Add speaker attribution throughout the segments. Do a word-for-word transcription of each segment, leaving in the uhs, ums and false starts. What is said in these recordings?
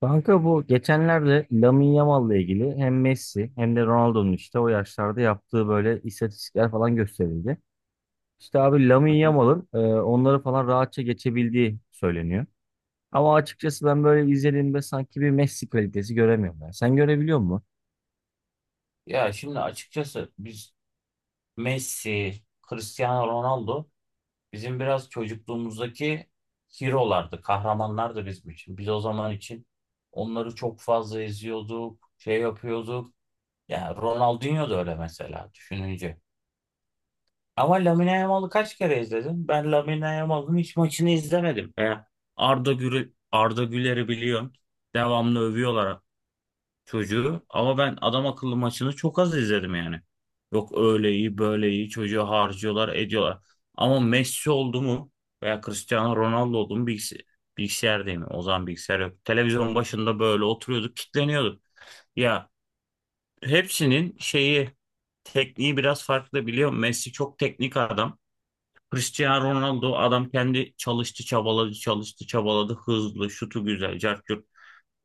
Speaker 1: Kanka bu geçenlerde Lamine Yamal'la ilgili hem Messi hem de Ronaldo'nun işte o yaşlarda yaptığı böyle istatistikler falan gösterildi. İşte abi Lamine Yamal'ın e, onları falan rahatça geçebildiği söyleniyor. Ama açıkçası ben böyle izlediğimde sanki bir Messi kalitesi göremiyorum ben. Sen görebiliyor musun?
Speaker 2: Ya şimdi açıkçası biz Messi, Cristiano Ronaldo bizim biraz çocukluğumuzdaki hero'lardı, kahramanlardı bizim için. Biz o zaman için onları çok fazla izliyorduk, şey yapıyorduk. Ya Ronaldinho da öyle mesela düşününce. Ama Lamine Yamal'ı kaç kere izledim? Ben Lamine Yamal'ın hiç maçını izlemedim. Veya Arda Güler, Arda Güler'i biliyorum. Devamlı övüyorlar çocuğu ama ben adam akıllı maçını çok az izledim yani. Yok öyle iyi böyle iyi çocuğu harcıyorlar ediyorlar. Ama Messi oldu mu veya Cristiano Ronaldo oldu mu bilgis bilgisayardayım. O zaman bilgisayar yok. Televizyon başında böyle oturuyorduk kitleniyorduk. Ya hepsinin şeyi tekniği biraz farklı biliyor musun? Messi çok teknik adam. Cristiano Ronaldo adam kendi çalıştı çabaladı çalıştı çabaladı hızlı şutu güzel cart curt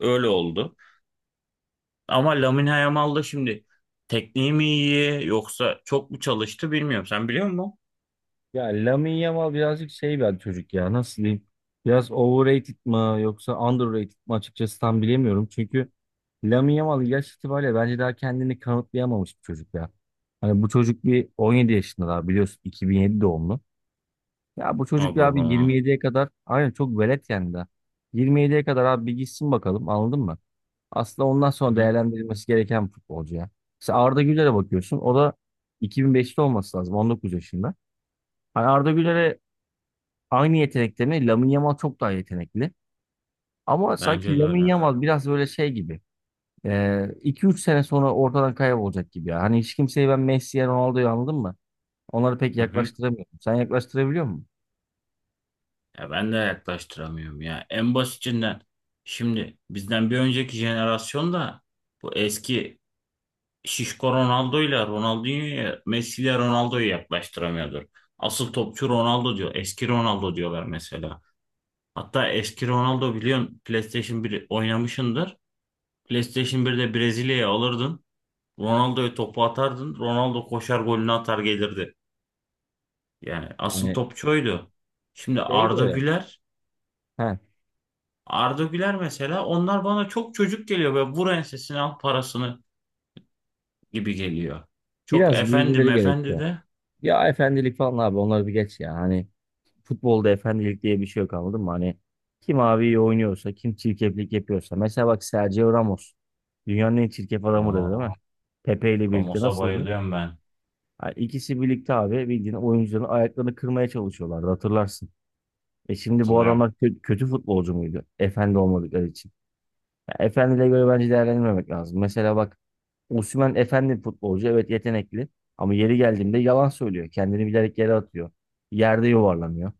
Speaker 2: öyle oldu. Ama Lamine Yamal da şimdi tekniği mi iyi yoksa çok mu çalıştı bilmiyorum. Sen biliyor musun?
Speaker 1: Ya Lamine Yamal birazcık şey bir çocuk ya, nasıl diyeyim? Biraz overrated mı yoksa underrated mı, açıkçası tam bilemiyorum. Çünkü Lamine Yamal yaş itibariyle bence daha kendini kanıtlayamamış bir çocuk ya. Hani bu çocuk bir on yedi yaşında, daha biliyorsun, iki bin yedi doğumlu. Ya bu
Speaker 2: Aa
Speaker 1: çocuk ya abi
Speaker 2: baba.
Speaker 1: yirmi yediye kadar aynen çok velet yani daha. yirmi yediye kadar abi bir gitsin bakalım, anladın mı? Aslında ondan
Speaker 2: Hı
Speaker 1: sonra
Speaker 2: hı.
Speaker 1: değerlendirilmesi gereken bir futbolcu ya. Mesela Arda Güler'e bakıyorsun, o da iki bin beşte olması lazım, on dokuz yaşında. Hani Arda Güler'e aynı yetenekte mi? Lamine Yamal çok daha yetenekli. Ama
Speaker 2: Bence
Speaker 1: sanki
Speaker 2: de
Speaker 1: Lamine
Speaker 2: öyle.
Speaker 1: Yamal biraz böyle şey gibi. Ee, üç sene sonra ortadan kaybolacak gibi ya. Hani hiç kimseyi ben Messi'ye, Ronaldo'ya, anladın mı? Onları pek
Speaker 2: Hı hı.
Speaker 1: yaklaştıramıyorum. Sen yaklaştırabiliyor musun?
Speaker 2: Ya ben de yaklaştıramıyorum ya. En basitinden şimdi bizden bir önceki jenerasyonda bu eski şişko Ronaldo'yla Ronaldinho'ya Messi'yle Ronaldo'yu yaklaştıramıyordur. Asıl topçu Ronaldo diyor. Eski Ronaldo diyorlar mesela. Hatta eski Ronaldo biliyorsun PlayStation bir oynamışındır. PlayStation birde Brezilya'ya alırdın. Ronaldo'ya topu atardın. Ronaldo koşar golünü atar gelirdi. Yani asıl
Speaker 1: Yani
Speaker 2: topçu oydu. Şimdi
Speaker 1: şey de
Speaker 2: Arda
Speaker 1: öyle.
Speaker 2: Güler.
Speaker 1: He.
Speaker 2: Arda Güler mesela onlar bana çok çocuk geliyor. Böyle vur ensesini al parasını gibi geliyor. Çok
Speaker 1: Biraz
Speaker 2: efendim
Speaker 1: büyümeleri
Speaker 2: efendi
Speaker 1: gerekiyor.
Speaker 2: de.
Speaker 1: Ya efendilik falan abi onları bir geç ya. Hani futbolda efendilik diye bir şey yok, anladın mı? Hani kim abi iyi oynuyorsa, kim çirkeflik yapıyorsa. Mesela bak Sergio Ramos. Dünyanın en çirkef adamı dedi, değil
Speaker 2: Aa,
Speaker 1: mi? Pepe ile birlikte
Speaker 2: Ramos'a
Speaker 1: nasıldı?
Speaker 2: bayılıyorum ben.
Speaker 1: Ha, İkisi birlikte abi bildiğin oyuncuların ayaklarını kırmaya çalışıyorlardı, hatırlarsın. E şimdi bu
Speaker 2: Hatırlıyorum.
Speaker 1: adamlar kö- kötü futbolcu muydu? Efendi olmadıkları için. Ya efendiyle göre bence değerlendirmemek lazım. Mesela bak, Osimhen efendi bir futbolcu. Evet, yetenekli. Ama yeri geldiğinde yalan söylüyor. Kendini bilerek yere atıyor. Yerde yuvarlanıyor.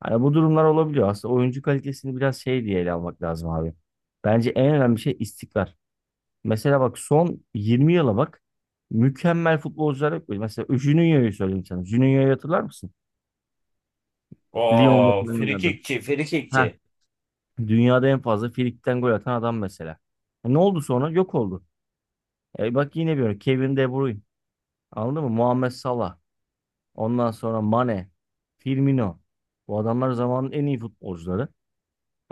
Speaker 1: Hani bu durumlar olabiliyor. Aslında oyuncu kalitesini biraz şey diye ele almak lazım abi. Bence en önemli şey istikrar. Mesela bak, son yirmi yıla bak. Mükemmel futbolcular yok böyle. Mesela Juninho'yu söyleyeyim sana. Juninho'yu hatırlar mısın? Lyon'da, evet,
Speaker 2: Oo,
Speaker 1: falan oynadı.
Speaker 2: frikikçi, frikikçi.
Speaker 1: Heh. Dünyada en fazla Frikik'ten gol atan adam mesela. E, ne oldu sonra? Yok oldu. E, bak, yine bir örnek. Kevin De Bruyne. Anladın mı? Muhammed Salah. Ondan sonra Mane. Firmino. Bu adamlar zamanın en iyi futbolcuları.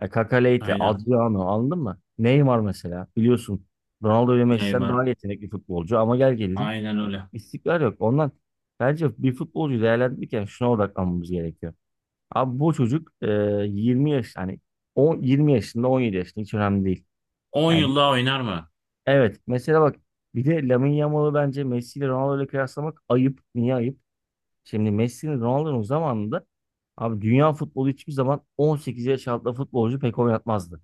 Speaker 1: E, Kaka Leite,
Speaker 2: Aynen.
Speaker 1: Adriano, anladın mı? Neymar mesela. Biliyorsun, Ronaldo ve Messi'den
Speaker 2: Neymar.
Speaker 1: daha yetenekli futbolcu ama gel gelelim
Speaker 2: Aynen öyle.
Speaker 1: istikrar yok. Ondan bence bir futbolcuyu değerlendirirken şuna odaklanmamız gerekiyor. Abi bu çocuk e, yirmi yaş hani on, yirmi yaşında on yedi yaşında hiç önemli değil.
Speaker 2: On
Speaker 1: Yani,
Speaker 2: yıl daha oynar mı?
Speaker 1: evet, mesela bak, bir de Lamine Yamal'ı bence Messi ile Ronaldo ile kıyaslamak ayıp. Niye ayıp? Şimdi Messi'nin Ronaldo'nun zamanında abi dünya futbolu hiçbir zaman on sekiz yaş altında futbolcu pek oynatmazdı.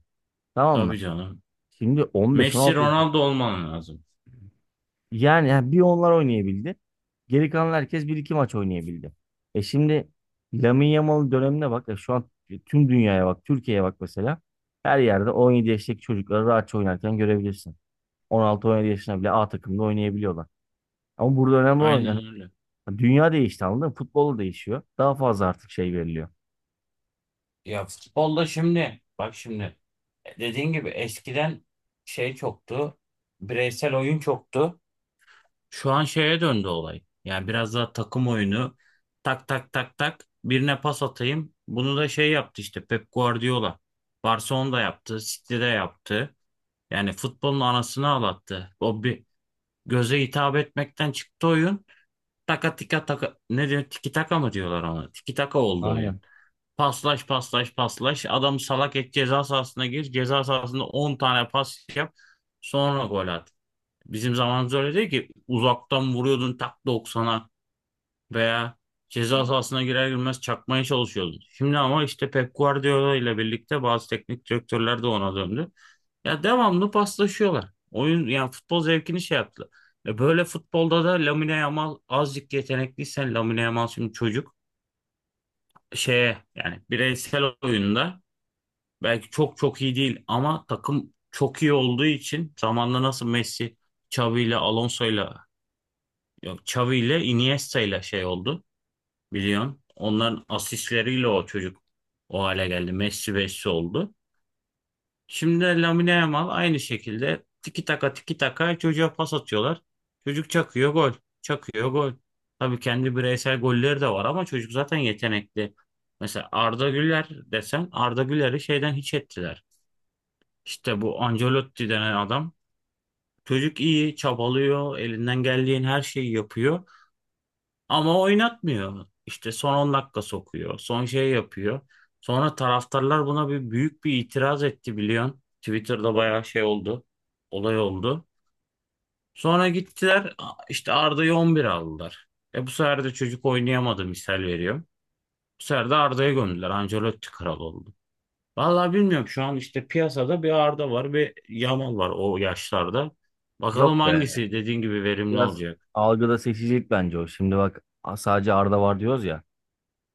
Speaker 1: Tamam mı?
Speaker 2: Tabii canım.
Speaker 1: Şimdi 15-16
Speaker 2: Messi
Speaker 1: yaş-
Speaker 2: Ronaldo olman lazım.
Speaker 1: yani, yani bir onlar oynayabildi. Geri kalan herkes bir iki maç oynayabildi. E şimdi Lamine Yamal'ın dönemine bak. E şu an tüm dünyaya bak. Türkiye'ye bak mesela. Her yerde on yedi yaşındaki çocukları rahatça oynarken görebilirsin. on altı, on yedi yaşına bile A takımda oynayabiliyorlar. Ama burada önemli olan
Speaker 2: Aynen
Speaker 1: yani
Speaker 2: öyle.
Speaker 1: dünya değişti, anladın mı? Futbol da değişiyor. Daha fazla artık şey veriliyor.
Speaker 2: Ya futbolda şimdi bak şimdi e, dediğin gibi eskiden şey çoktu. Bireysel oyun çoktu. Şu an şeye döndü olay. Yani biraz daha takım oyunu. Tak tak tak tak birine pas atayım. Bunu da şey yaptı işte Pep Guardiola. Barcelona'da yaptı, City'de yaptı. Yani futbolun anasını ağlattı. O bir göze hitap etmekten çıktı oyun. Taka tika taka ne diyor? Tiki taka mı diyorlar ona? Tiki taka oldu oyun.
Speaker 1: Aynen.
Speaker 2: Paslaş paslaş paslaş. Adam salak et ceza sahasına gir. Ceza sahasında on tane pas yap. Sonra gol at. Bizim zamanımız öyle değil ki. Uzaktan vuruyordun tak doksana veya ceza sahasına girer girmez çakmaya çalışıyordun. Şimdi ama işte Pep Guardiola ile birlikte bazı teknik direktörler de ona döndü. Ya devamlı paslaşıyorlar. Oyun yani futbol zevkini şey yaptılar. E böyle futbolda da Lamine Yamal azıcık yetenekliysen Lamine Yamal şimdi çocuk şeye yani bireysel oyunda belki çok çok iyi değil ama takım çok iyi olduğu için zamanla nasıl Messi, Xavi ile Alonso'yla yok Xavi ile Iniesta ile şey oldu biliyorsun. Onların asistleriyle o çocuk o hale geldi. Messi Messi oldu. Şimdi de Lamine Yamal aynı şekilde tiki taka tiki taka çocuğa pas atıyorlar. Çocuk çakıyor gol. Çakıyor gol. Tabii kendi bireysel golleri de var ama çocuk zaten yetenekli. Mesela Arda Güler desen Arda Güler'i şeyden hiç ettiler. İşte bu Ancelotti denen adam çocuk iyi, çabalıyor, elinden geldiğin her şeyi yapıyor ama oynatmıyor. İşte son on dakika sokuyor, son şey yapıyor. Sonra taraftarlar buna bir büyük bir itiraz etti biliyorsun. Twitter'da bayağı şey oldu, olay oldu. Sonra gittiler işte Arda'yı on bir aldılar. E bu sefer de çocuk oynayamadı misal veriyorum. Bu sefer de Arda'ya gömdüler. Ancelotti kral oldu. Vallahi bilmiyorum şu an işte piyasada bir Arda var bir Yamal var o yaşlarda. Bakalım
Speaker 1: Yok be.
Speaker 2: hangisi dediğin gibi verimli
Speaker 1: Biraz
Speaker 2: olacak.
Speaker 1: algıda seçicilik bence o. Şimdi bak, a- sadece Arda var diyoruz ya.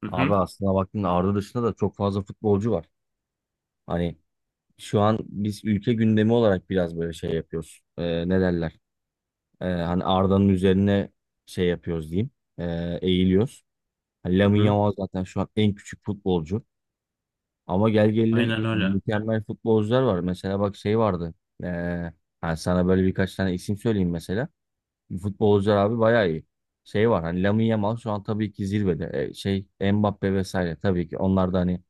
Speaker 2: Hı hı.
Speaker 1: Abi aslına baktığında Arda dışında da çok fazla futbolcu var. Hani şu an biz ülke gündemi olarak biraz böyle şey yapıyoruz. Ee, ne derler? Ee, hani Arda'nın üzerine şey yapıyoruz diyeyim. Ee, eğiliyoruz. Hani
Speaker 2: Hı
Speaker 1: Lamine
Speaker 2: hı.
Speaker 1: Yamal zaten şu an en küçük futbolcu. Ama gel gelelim
Speaker 2: Aynen
Speaker 1: yani
Speaker 2: öyle.
Speaker 1: mükemmel futbolcular var. Mesela bak, şey vardı. Ee, hani sana böyle birkaç tane isim söyleyeyim mesela. Futbolcular abi bayağı iyi. Şey var hani Lamine Yamal şu an tabii ki zirvede. Ee, şey Mbappe vesaire, tabii ki onlar da hani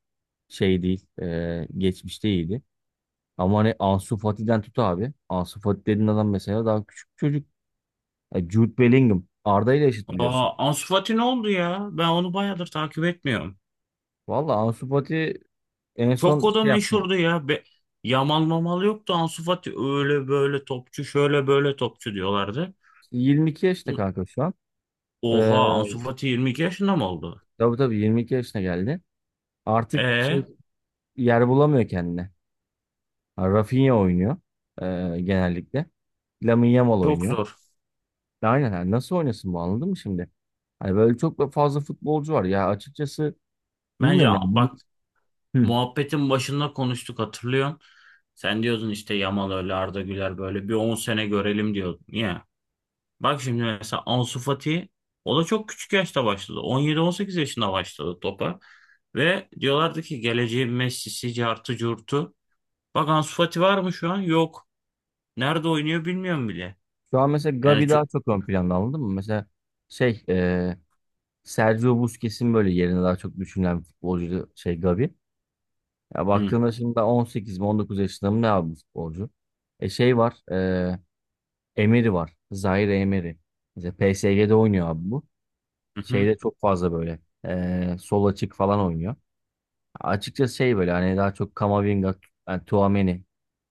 Speaker 1: şey değil. ee, geçmişte iyiydi. Ama hani Ansu Fati'den tut abi. Ansu Fati dediğin adam mesela daha küçük bir çocuk. E, Jude Bellingham. Arda ile eşit biliyorsun.
Speaker 2: Aa, Ansu Fati ne oldu ya? Ben onu bayağıdır takip etmiyorum.
Speaker 1: Valla Ansu Fati en
Speaker 2: Çok
Speaker 1: son
Speaker 2: o da
Speaker 1: şey yaptı.
Speaker 2: meşhurdu ya. Be Yamal mamal yoktu. Ansu Fati öyle böyle topçu şöyle böyle topçu diyorlardı.
Speaker 1: yirmi iki yaşta kanka şu an. Ee,
Speaker 2: Oha Ansu Fati yirmi iki yaşında mı oldu?
Speaker 1: tabii tabii yirmi iki yaşına geldi. Artık
Speaker 2: Ee
Speaker 1: şey yer bulamıyor kendine. Ha, Rafinha oynuyor e, genellikle. Lamine Yamal
Speaker 2: çok
Speaker 1: oynuyor.
Speaker 2: zor.
Speaker 1: E, Aynen yani nasıl oynasın bu, anladın mı şimdi? Hani böyle çok da fazla futbolcu var ya, açıkçası
Speaker 2: Bence
Speaker 1: bilmiyorum yani. Bu-
Speaker 2: bak
Speaker 1: Hı.
Speaker 2: muhabbetin başında konuştuk hatırlıyorum. Sen diyordun işte Yamal öyle Arda Güler böyle bir on sene görelim diyordun. Niye? Bak şimdi mesela Ansu Fati o da çok küçük yaşta başladı. on yedi on sekiz yaşında başladı topa. Ve diyorlardı ki geleceğin Messi'si, cartı curtu. Bak Ansu Fati var mı şu an? Yok. Nerede oynuyor bilmiyorum bile.
Speaker 1: Şu an mesela
Speaker 2: Yani
Speaker 1: Gavi daha
Speaker 2: çünkü
Speaker 1: çok ön planda, anladın mı? Mesela şey e, Sergio Busquets'in böyle yerine daha çok düşünülen bir futbolcu şey Gavi. Ya
Speaker 2: Hı,
Speaker 1: baktığında şimdi daha on sekiz mi on dokuz yaşında mı ne abi bu futbolcu? E şey var e, Emery var. Zaire Emery. Mesela P S G'de oynuyor abi bu.
Speaker 2: hı, hı.
Speaker 1: Şeyde çok fazla böyle eee, sol açık falan oynuyor. Açıkçası şey böyle hani daha çok Kamavinga, yani Tchouaméni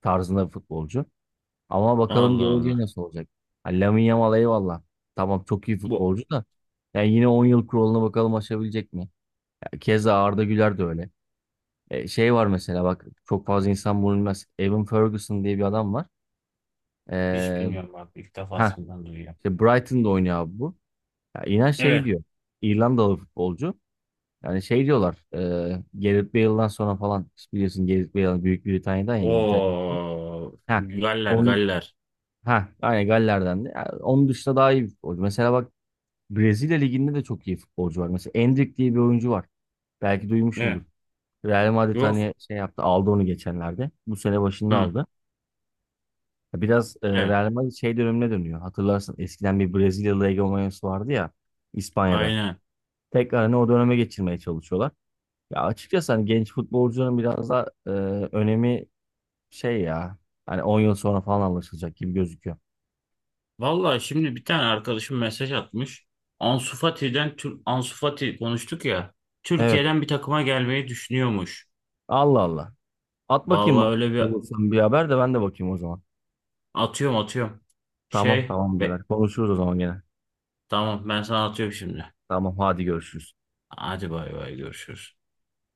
Speaker 1: tarzında bir futbolcu. Ama bakalım
Speaker 2: Allah
Speaker 1: geleceği
Speaker 2: Allah.
Speaker 1: nasıl olacak. Hani Lamine Yamal eyvallah. Tamam çok iyi
Speaker 2: Bu.
Speaker 1: futbolcu da. Yani yine on yıl kuralına bakalım, aşabilecek mi? Ya keza Arda Güler de öyle. E, şey var, mesela bak, çok fazla insan bunu bilmez. Evan Ferguson diye bir adam var.
Speaker 2: Hiç
Speaker 1: Eee
Speaker 2: bilmiyorum bak ilk
Speaker 1: ha
Speaker 2: defasından duyuyorum.
Speaker 1: işte Brighton'da oynuyor abi bu. Ya inan şey
Speaker 2: Evet.
Speaker 1: diyor. İrlandalı futbolcu. Yani şey diyorlar, e, Gareth Bale'dan sonra falan biliyorsun Gareth Bale Büyük Britanya'dan ya İngiltere'den.
Speaker 2: O
Speaker 1: Ha,
Speaker 2: Galler,
Speaker 1: on,
Speaker 2: Galler.
Speaker 1: ha, aynen Galler'den de. Yani onun dışında daha iyi bir futbolcu. Mesela bak, Brezilya Ligi'nde de çok iyi futbolcu var. Mesela Endrick diye bir oyuncu var. Belki duymuşsundur.
Speaker 2: Ne?
Speaker 1: Real Madrid
Speaker 2: Yok.
Speaker 1: hani şey yaptı, aldı onu geçenlerde. Bu sene başında
Speaker 2: Hı.
Speaker 1: aldı. Biraz e,
Speaker 2: Evet.
Speaker 1: Real Madrid şey dönemine dönüyor. Hatırlarsın, eskiden bir Brezilyalı egomanyası vardı ya İspanya'da.
Speaker 2: Aynen.
Speaker 1: Tekrar hani o döneme geçirmeye çalışıyorlar. Ya açıkçası hani genç futbolcunun biraz da e, önemi şey ya. Hani on yıl sonra falan anlaşılacak gibi gözüküyor.
Speaker 2: Vallahi şimdi bir tane arkadaşım mesaj atmış. Ansu Fati'den Tür- Ansu Fati konuştuk ya.
Speaker 1: Evet.
Speaker 2: Türkiye'den bir takıma gelmeyi düşünüyormuş.
Speaker 1: Allah Allah. At bakayım
Speaker 2: Vallahi
Speaker 1: bak.
Speaker 2: öyle bir
Speaker 1: Sen bir haber de ben de bakayım o zaman.
Speaker 2: atıyorum atıyorum.
Speaker 1: Tamam
Speaker 2: Şey
Speaker 1: tamam birader.
Speaker 2: be-
Speaker 1: Konuşuruz o zaman gene.
Speaker 2: tamam ben sana atıyorum şimdi.
Speaker 1: Tamam, hadi görüşürüz.
Speaker 2: Hadi bay bay görüşürüz.